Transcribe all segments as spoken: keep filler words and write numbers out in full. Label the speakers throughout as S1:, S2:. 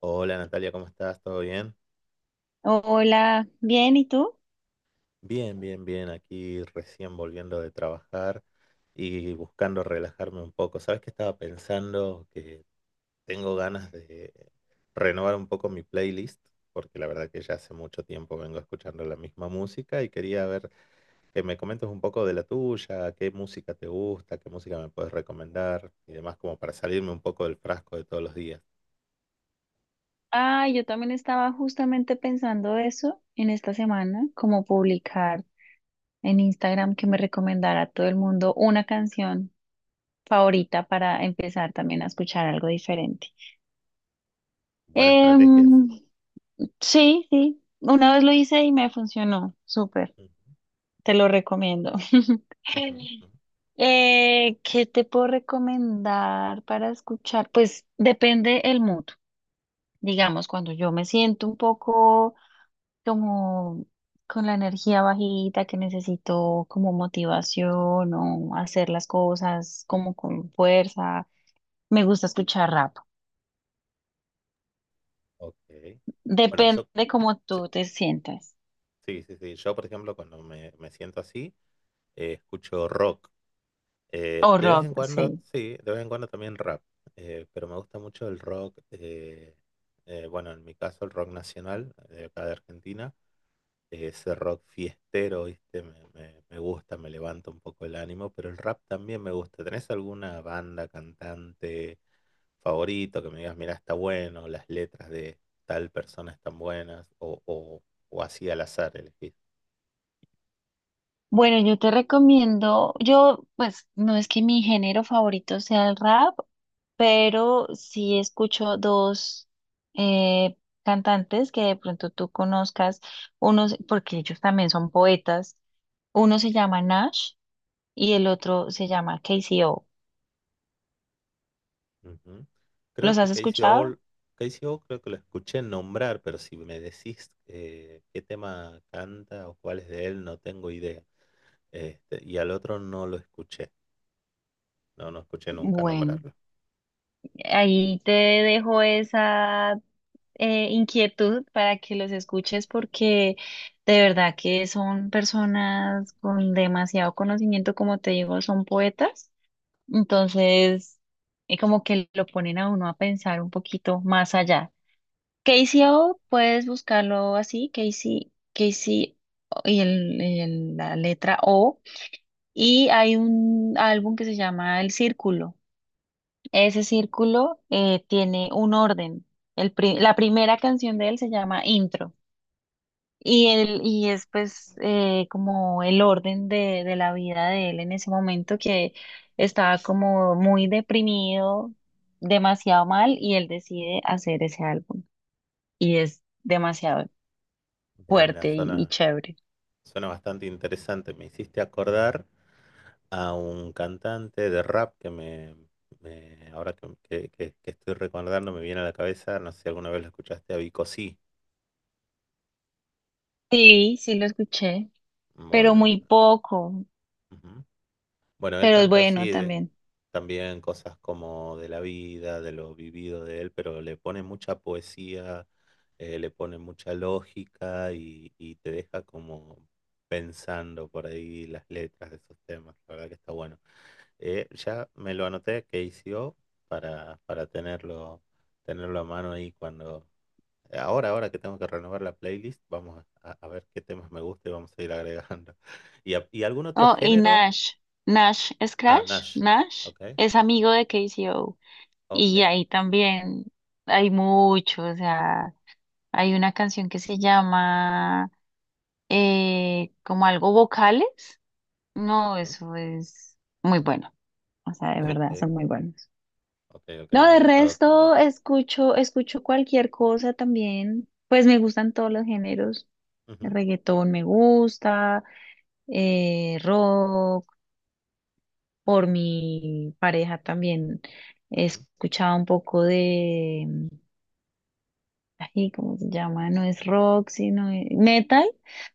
S1: Hola Natalia, ¿cómo estás? ¿Todo bien?
S2: Hola, bien, ¿y tú?
S1: Bien, bien, bien. Aquí recién volviendo de trabajar y buscando relajarme un poco. ¿Sabes qué estaba pensando? Que tengo ganas de renovar un poco mi playlist, porque la verdad que ya hace mucho tiempo vengo escuchando la misma música y quería ver que me comentes un poco de la tuya, qué música te gusta, qué música me puedes recomendar y demás, como para salirme un poco del frasco de todos los días.
S2: Ah, yo también estaba justamente pensando eso en esta semana, como publicar en Instagram que me recomendara a todo el mundo una canción favorita para empezar también a escuchar algo diferente.
S1: Buena estrategia esa.
S2: Em, sí, sí, una vez lo hice y me funcionó, súper,
S1: Mm,
S2: te lo recomiendo.
S1: ujú, ujú.
S2: Eh, ¿qué te puedo recomendar para escuchar? Pues depende el mood. Digamos, cuando yo me siento un poco como con la energía bajita, que necesito como motivación o hacer las cosas como con fuerza, me gusta escuchar rap.
S1: Ok. Bueno, yo
S2: Depende cómo tú te sientas.
S1: sí, sí, sí. Yo, por ejemplo, cuando me, me siento así, eh, escucho rock. Eh,
S2: O
S1: de vez
S2: rock,
S1: en cuando,
S2: sí.
S1: sí, de vez en cuando también rap. Eh, pero me gusta mucho el rock, eh, eh, bueno, en mi caso el rock nacional, eh, de acá de Argentina. Eh, Ese rock fiestero, ¿viste? Me, me- me gusta, me levanta un poco el ánimo, pero el rap también me gusta. ¿Tenés alguna banda, cantante favorito que me digas, mira, está bueno, las letras de tal persona están buenas, o, o, o así al azar elegís?
S2: Bueno, yo te recomiendo, yo pues no es que mi género favorito sea el rap, pero sí escucho dos eh, cantantes que de pronto tú conozcas, unos, porque ellos también son poetas, uno se llama Nash y el otro se llama K C O.
S1: Ujú. Creo
S2: ¿Los
S1: que
S2: has
S1: Casey
S2: escuchado?
S1: All, Casey All creo que lo escuché nombrar, pero si me decís eh, qué tema canta o cuál es de él, no tengo idea. Este, y al otro no lo escuché, no, no escuché nunca
S2: Bueno.
S1: nombrarlo.
S2: Ahí te dejo esa eh, inquietud para que los escuches porque de verdad que son personas con demasiado conocimiento, como te digo, son poetas. Entonces, eh, como que lo ponen a uno a pensar un poquito más allá. Casey O puedes buscarlo así, Casey Casey y el, el- la letra O. Y hay un álbum que se llama El Círculo. Ese círculo eh, tiene un orden. El pri- la primera canción de él se llama Intro y, él, y es pues eh, como el orden de, de la vida de él en ese momento que estaba como muy deprimido, demasiado mal y él decide hacer ese álbum y es demasiado
S1: Mira, mira,
S2: fuerte y, y
S1: suena,
S2: chévere.
S1: suena bastante interesante. Me hiciste acordar a un cantante de rap que me, me- ahora que, que- que- que estoy recordando me viene a la cabeza, no sé si alguna vez lo escuchaste, a Vico Sí.
S2: Sí, sí lo escuché, pero
S1: Bueno,
S2: muy poco,
S1: ujú. Bueno, él
S2: pero es
S1: canta
S2: bueno
S1: así, de-
S2: también.
S1: también cosas como de la vida, de lo vivido de él, pero le pone mucha poesía, eh, le pone mucha lógica y, y te deja como pensando por ahí las letras de esos temas. La verdad que está bueno. Eh, ya me lo anoté que hizo para, para tenerlo, tenerlo a mano ahí cuando... Ahora, ahora que tengo que renovar la playlist, vamos a, a ver qué temas me gusta y vamos a ir agregando. ¿Y, a- y algún otro
S2: Oh, y
S1: género?
S2: Nash. Nash es
S1: Ah,
S2: Crash.
S1: Nash.
S2: Nash
S1: Ok,
S2: es amigo de K C O. Y
S1: ok.
S2: ahí también hay mucho. O sea, hay una canción que se llama eh, como algo vocales. No,
S1: Ujú,
S2: eso es muy bueno. O sea, de
S1: ok,
S2: verdad, son muy buenos.
S1: ok, ok,
S2: No, de
S1: anotado también.
S2: resto escucho, escucho cualquier cosa también. Pues me gustan todos los géneros. El
S1: Ujú,
S2: reggaetón me gusta, eh, rock. Por mi pareja también he
S1: ujú,
S2: escuchado un poco de, mm, ay, ¿cómo se llama? No es rock, sino e- metal,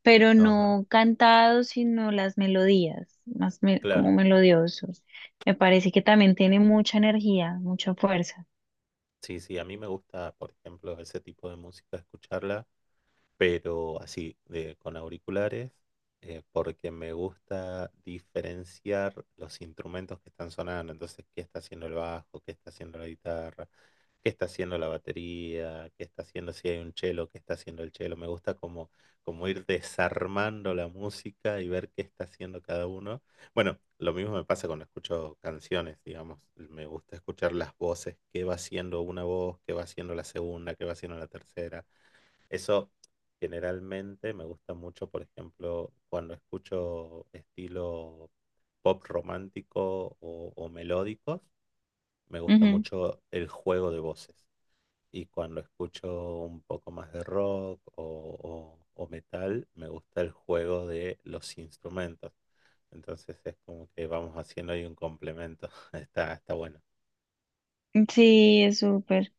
S2: pero
S1: ajá,
S2: no cantado, sino las melodías, más me- como
S1: claro.
S2: melodiosos. Me parece que también tiene mucha energía, mucha fuerza.
S1: Sí, sí, a mí me gusta, por ejemplo, ese tipo de música, escucharla, pero así, de, con auriculares, eh, porque me gusta diferenciar los instrumentos que están sonando. Entonces, qué está haciendo el bajo, qué está haciendo la guitarra, qué está haciendo la batería, qué está haciendo si hay un chelo, qué está haciendo el chelo. Me gusta como, como ir desarmando la música y ver qué está haciendo cada uno. Bueno, lo mismo me pasa cuando escucho canciones, digamos. Me gusta escuchar las voces, qué va haciendo una voz, qué va haciendo la segunda, qué va haciendo la tercera. Eso generalmente me gusta mucho, por ejemplo, cuando escucho estilo pop romántico o, o melódicos, me gusta mucho el juego de voces y cuando escucho un poco más de rock o, o- o metal, me gusta el juego de los instrumentos. Entonces es como que vamos haciendo ahí un complemento. Está, está bueno.
S2: Ujú. Sí, es súper,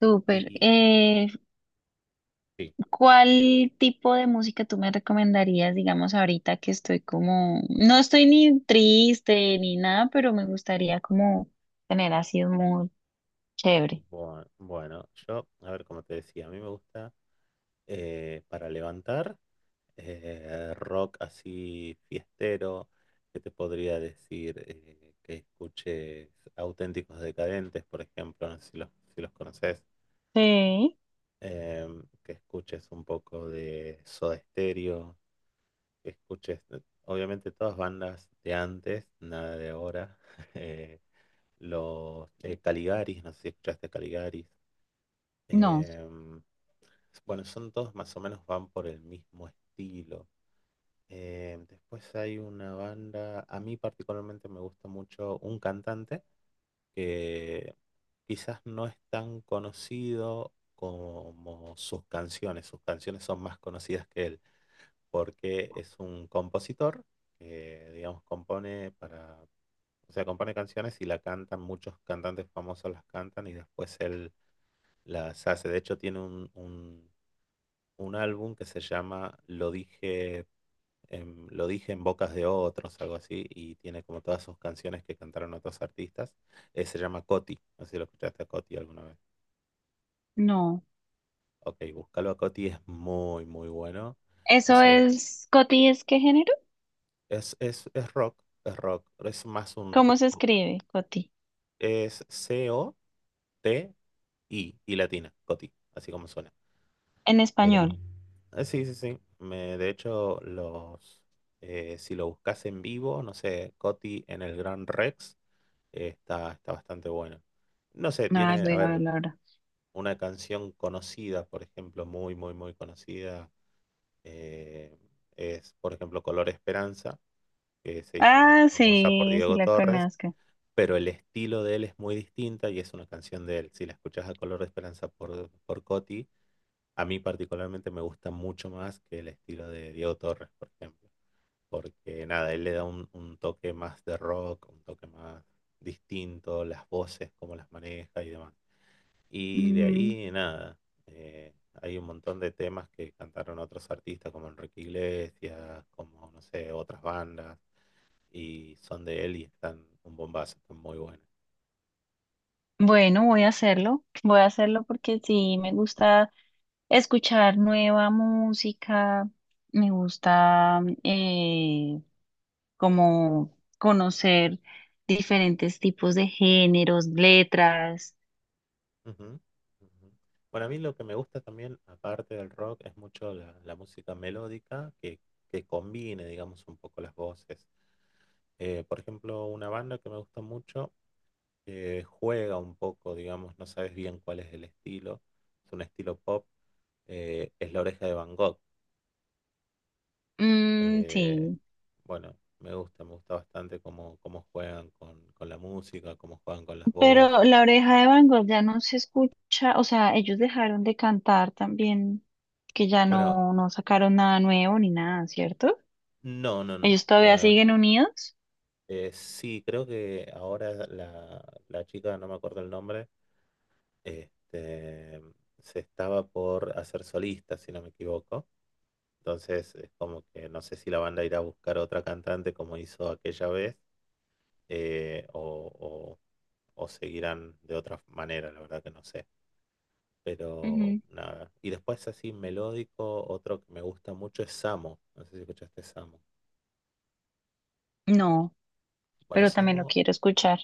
S2: súper.
S1: Y, y
S2: Eh,
S1: sí,
S2: ¿Cuál tipo de música tú me recomendarías, digamos, ahorita que estoy como, no estoy ni triste ni nada, pero me gustaría como tener así un mood chévere?
S1: bueno, bueno, yo, a ver, como te decía, a mí me gusta eh, para levantar eh, rock así fiestero. ¿Qué te podría decir? Eh, que escuches Auténticos Decadentes, por ejemplo, no sé si los, si los conoces.
S2: Sí,
S1: em, que escuches un poco de Soda Stereo, que escuches, eh, obviamente todas bandas de antes, nada de ahora. eh, los eh, Caligaris, no sé si escuchaste Caligaris.
S2: no,
S1: em, bueno, son todos más o menos van por el mismo estilo. Em, después hay una banda, a mí particularmente me gusta mucho un cantante que quizás no es tan conocido como sus canciones. Sus canciones son más conocidas que él, porque es un compositor que, digamos, compone para, o sea, compone canciones y la cantan, muchos cantantes famosos las cantan y después él las hace. De hecho, tiene un, un, un álbum que se llama Lo dije, em, lo dije en bocas de otros, algo así, y tiene como todas sus canciones que cantaron otros artistas. Eh, se llama Coti, no sé si lo escuchaste a Coti alguna vez.
S2: no.
S1: Ok, búscalo a Coti, es muy, muy bueno. No
S2: ¿Eso
S1: sé,
S2: es, Coti, es qué género?
S1: es, es, es rock, es rock, es más un
S2: ¿Cómo
S1: rock.
S2: se escribe, Coti?
S1: Es C-O-T-I y latina, Coti, así como suena.
S2: En
S1: Em,
S2: español.
S1: eh, sí, sí, sí. Me, de hecho, los, eh, si lo buscas en vivo, no sé, Coti en el Gran Rex. eh, está, está bastante bueno. No sé,
S2: Ay,
S1: tiene, a
S2: voy a
S1: ver,
S2: verlo ahora.
S1: una canción conocida, por ejemplo, muy, muy, muy conocida, eh, es, por ejemplo, Color Esperanza, que se hizo muy
S2: Ah,
S1: famosa por
S2: sí, sí
S1: Diego
S2: la
S1: Torres,
S2: conozco.
S1: pero el estilo de él es muy distinta y es una canción de él. Si la escuchás a Color Esperanza por, por Coti, a mí particularmente me gusta mucho más que el estilo de Diego Torres, por ejemplo, porque nada, él le da un, un toque más de rock, un toque más distinto, las voces, cómo las maneja y demás. Y de
S2: Ujú.
S1: ahí, nada, eh, hay un montón de temas que cantaron otros artistas como Enrique Iglesias, como, no sé, otras bandas, y son de él y están un bombazo, están muy buenas.
S2: Bueno, voy a hacerlo. Voy a hacerlo porque sí me gusta escuchar nueva música, me gusta eh, como conocer diferentes tipos de géneros, letras.
S1: Ujú, ujú. Bueno, a mí lo que me gusta también, aparte del rock, es mucho la, la música melódica que, que combine, digamos, un poco las voces. Eh, por ejemplo, una banda que me gusta mucho, que juega un poco, digamos, no sabes bien cuál es el estilo, es un estilo pop, eh, es La Oreja de Van Gogh.
S2: Mm,
S1: Eh,
S2: sí,
S1: bueno, me gusta, me gusta bastante cómo, cómo juegan con, con la música, cómo juegan con las
S2: pero
S1: voces.
S2: La Oreja de Van Gogh ya no se escucha, o sea, ellos dejaron de cantar también, que ya
S1: Bueno,
S2: no, no sacaron nada nuevo ni nada, ¿cierto?
S1: no, no, no.
S2: Ellos todavía
S1: La,
S2: siguen unidos.
S1: eh, sí, creo que ahora la, la chica, no me acuerdo el nombre, este, se estaba por hacer solista, si no me equivoco. Entonces es como que no sé si la banda irá a buscar otra cantante como hizo aquella vez, eh, o, o- o seguirán de otra manera, la verdad que no sé. Pero
S2: Ujú.
S1: nada. Y después así melódico, otro que me gusta mucho es Samo. No sé si escuchaste Samo.
S2: No,
S1: Bueno,
S2: pero también lo
S1: Samo,
S2: quiero escuchar.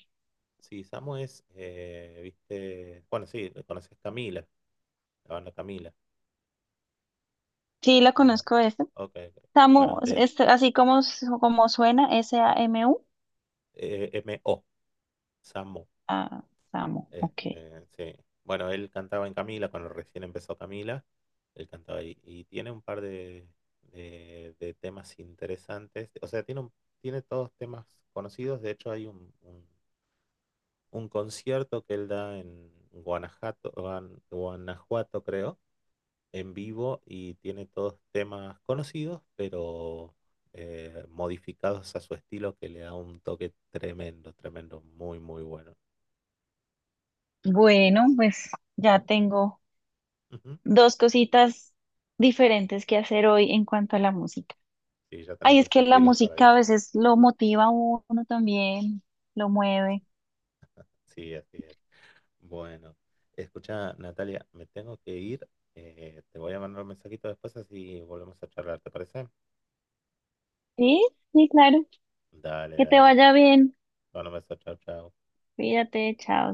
S1: sí, Samu es, eh, viste, bueno, sí, conoces Camila, la banda Camila,
S2: Sí, la
S1: ¿o no?
S2: conozco esa.
S1: Ok, ok.
S2: Samu,
S1: Bueno, de
S2: es así como, s- como suena, S A M U.
S1: eh, M O, Samu,
S2: Ah, Samu, ok.
S1: este, sí. Bueno, él cantaba en Camila, cuando recién empezó Camila, él cantaba ahí, y tiene un par de, de, de temas interesantes, o sea, tiene, un- tiene todos temas conocidos, de hecho hay un, un- un concierto que él da en Guanajuato, Guan- Guanajuato, creo, en vivo y tiene todos temas conocidos, pero eh, modificados a su estilo que le da un toque tremendo, tremendo, muy, muy bueno.
S2: Bueno, pues ya tengo
S1: Ujú.
S2: dos cositas diferentes que hacer hoy en cuanto a la música.
S1: Sí, ya tenés
S2: Ay, es
S1: dos
S2: que la
S1: estilos para ir.
S2: música a veces lo motiva a uno también, lo mueve.
S1: Sí, así es. Bueno, escucha, Natalia, me tengo que ir. Eh, te voy a mandar un mensajito después así volvemos a charlar, te parece,
S2: Sí, sí, claro.
S1: dale,
S2: Que te
S1: dale,
S2: vaya bien.
S1: bueno, un beso, chao, chao.
S2: Cuídate, chao.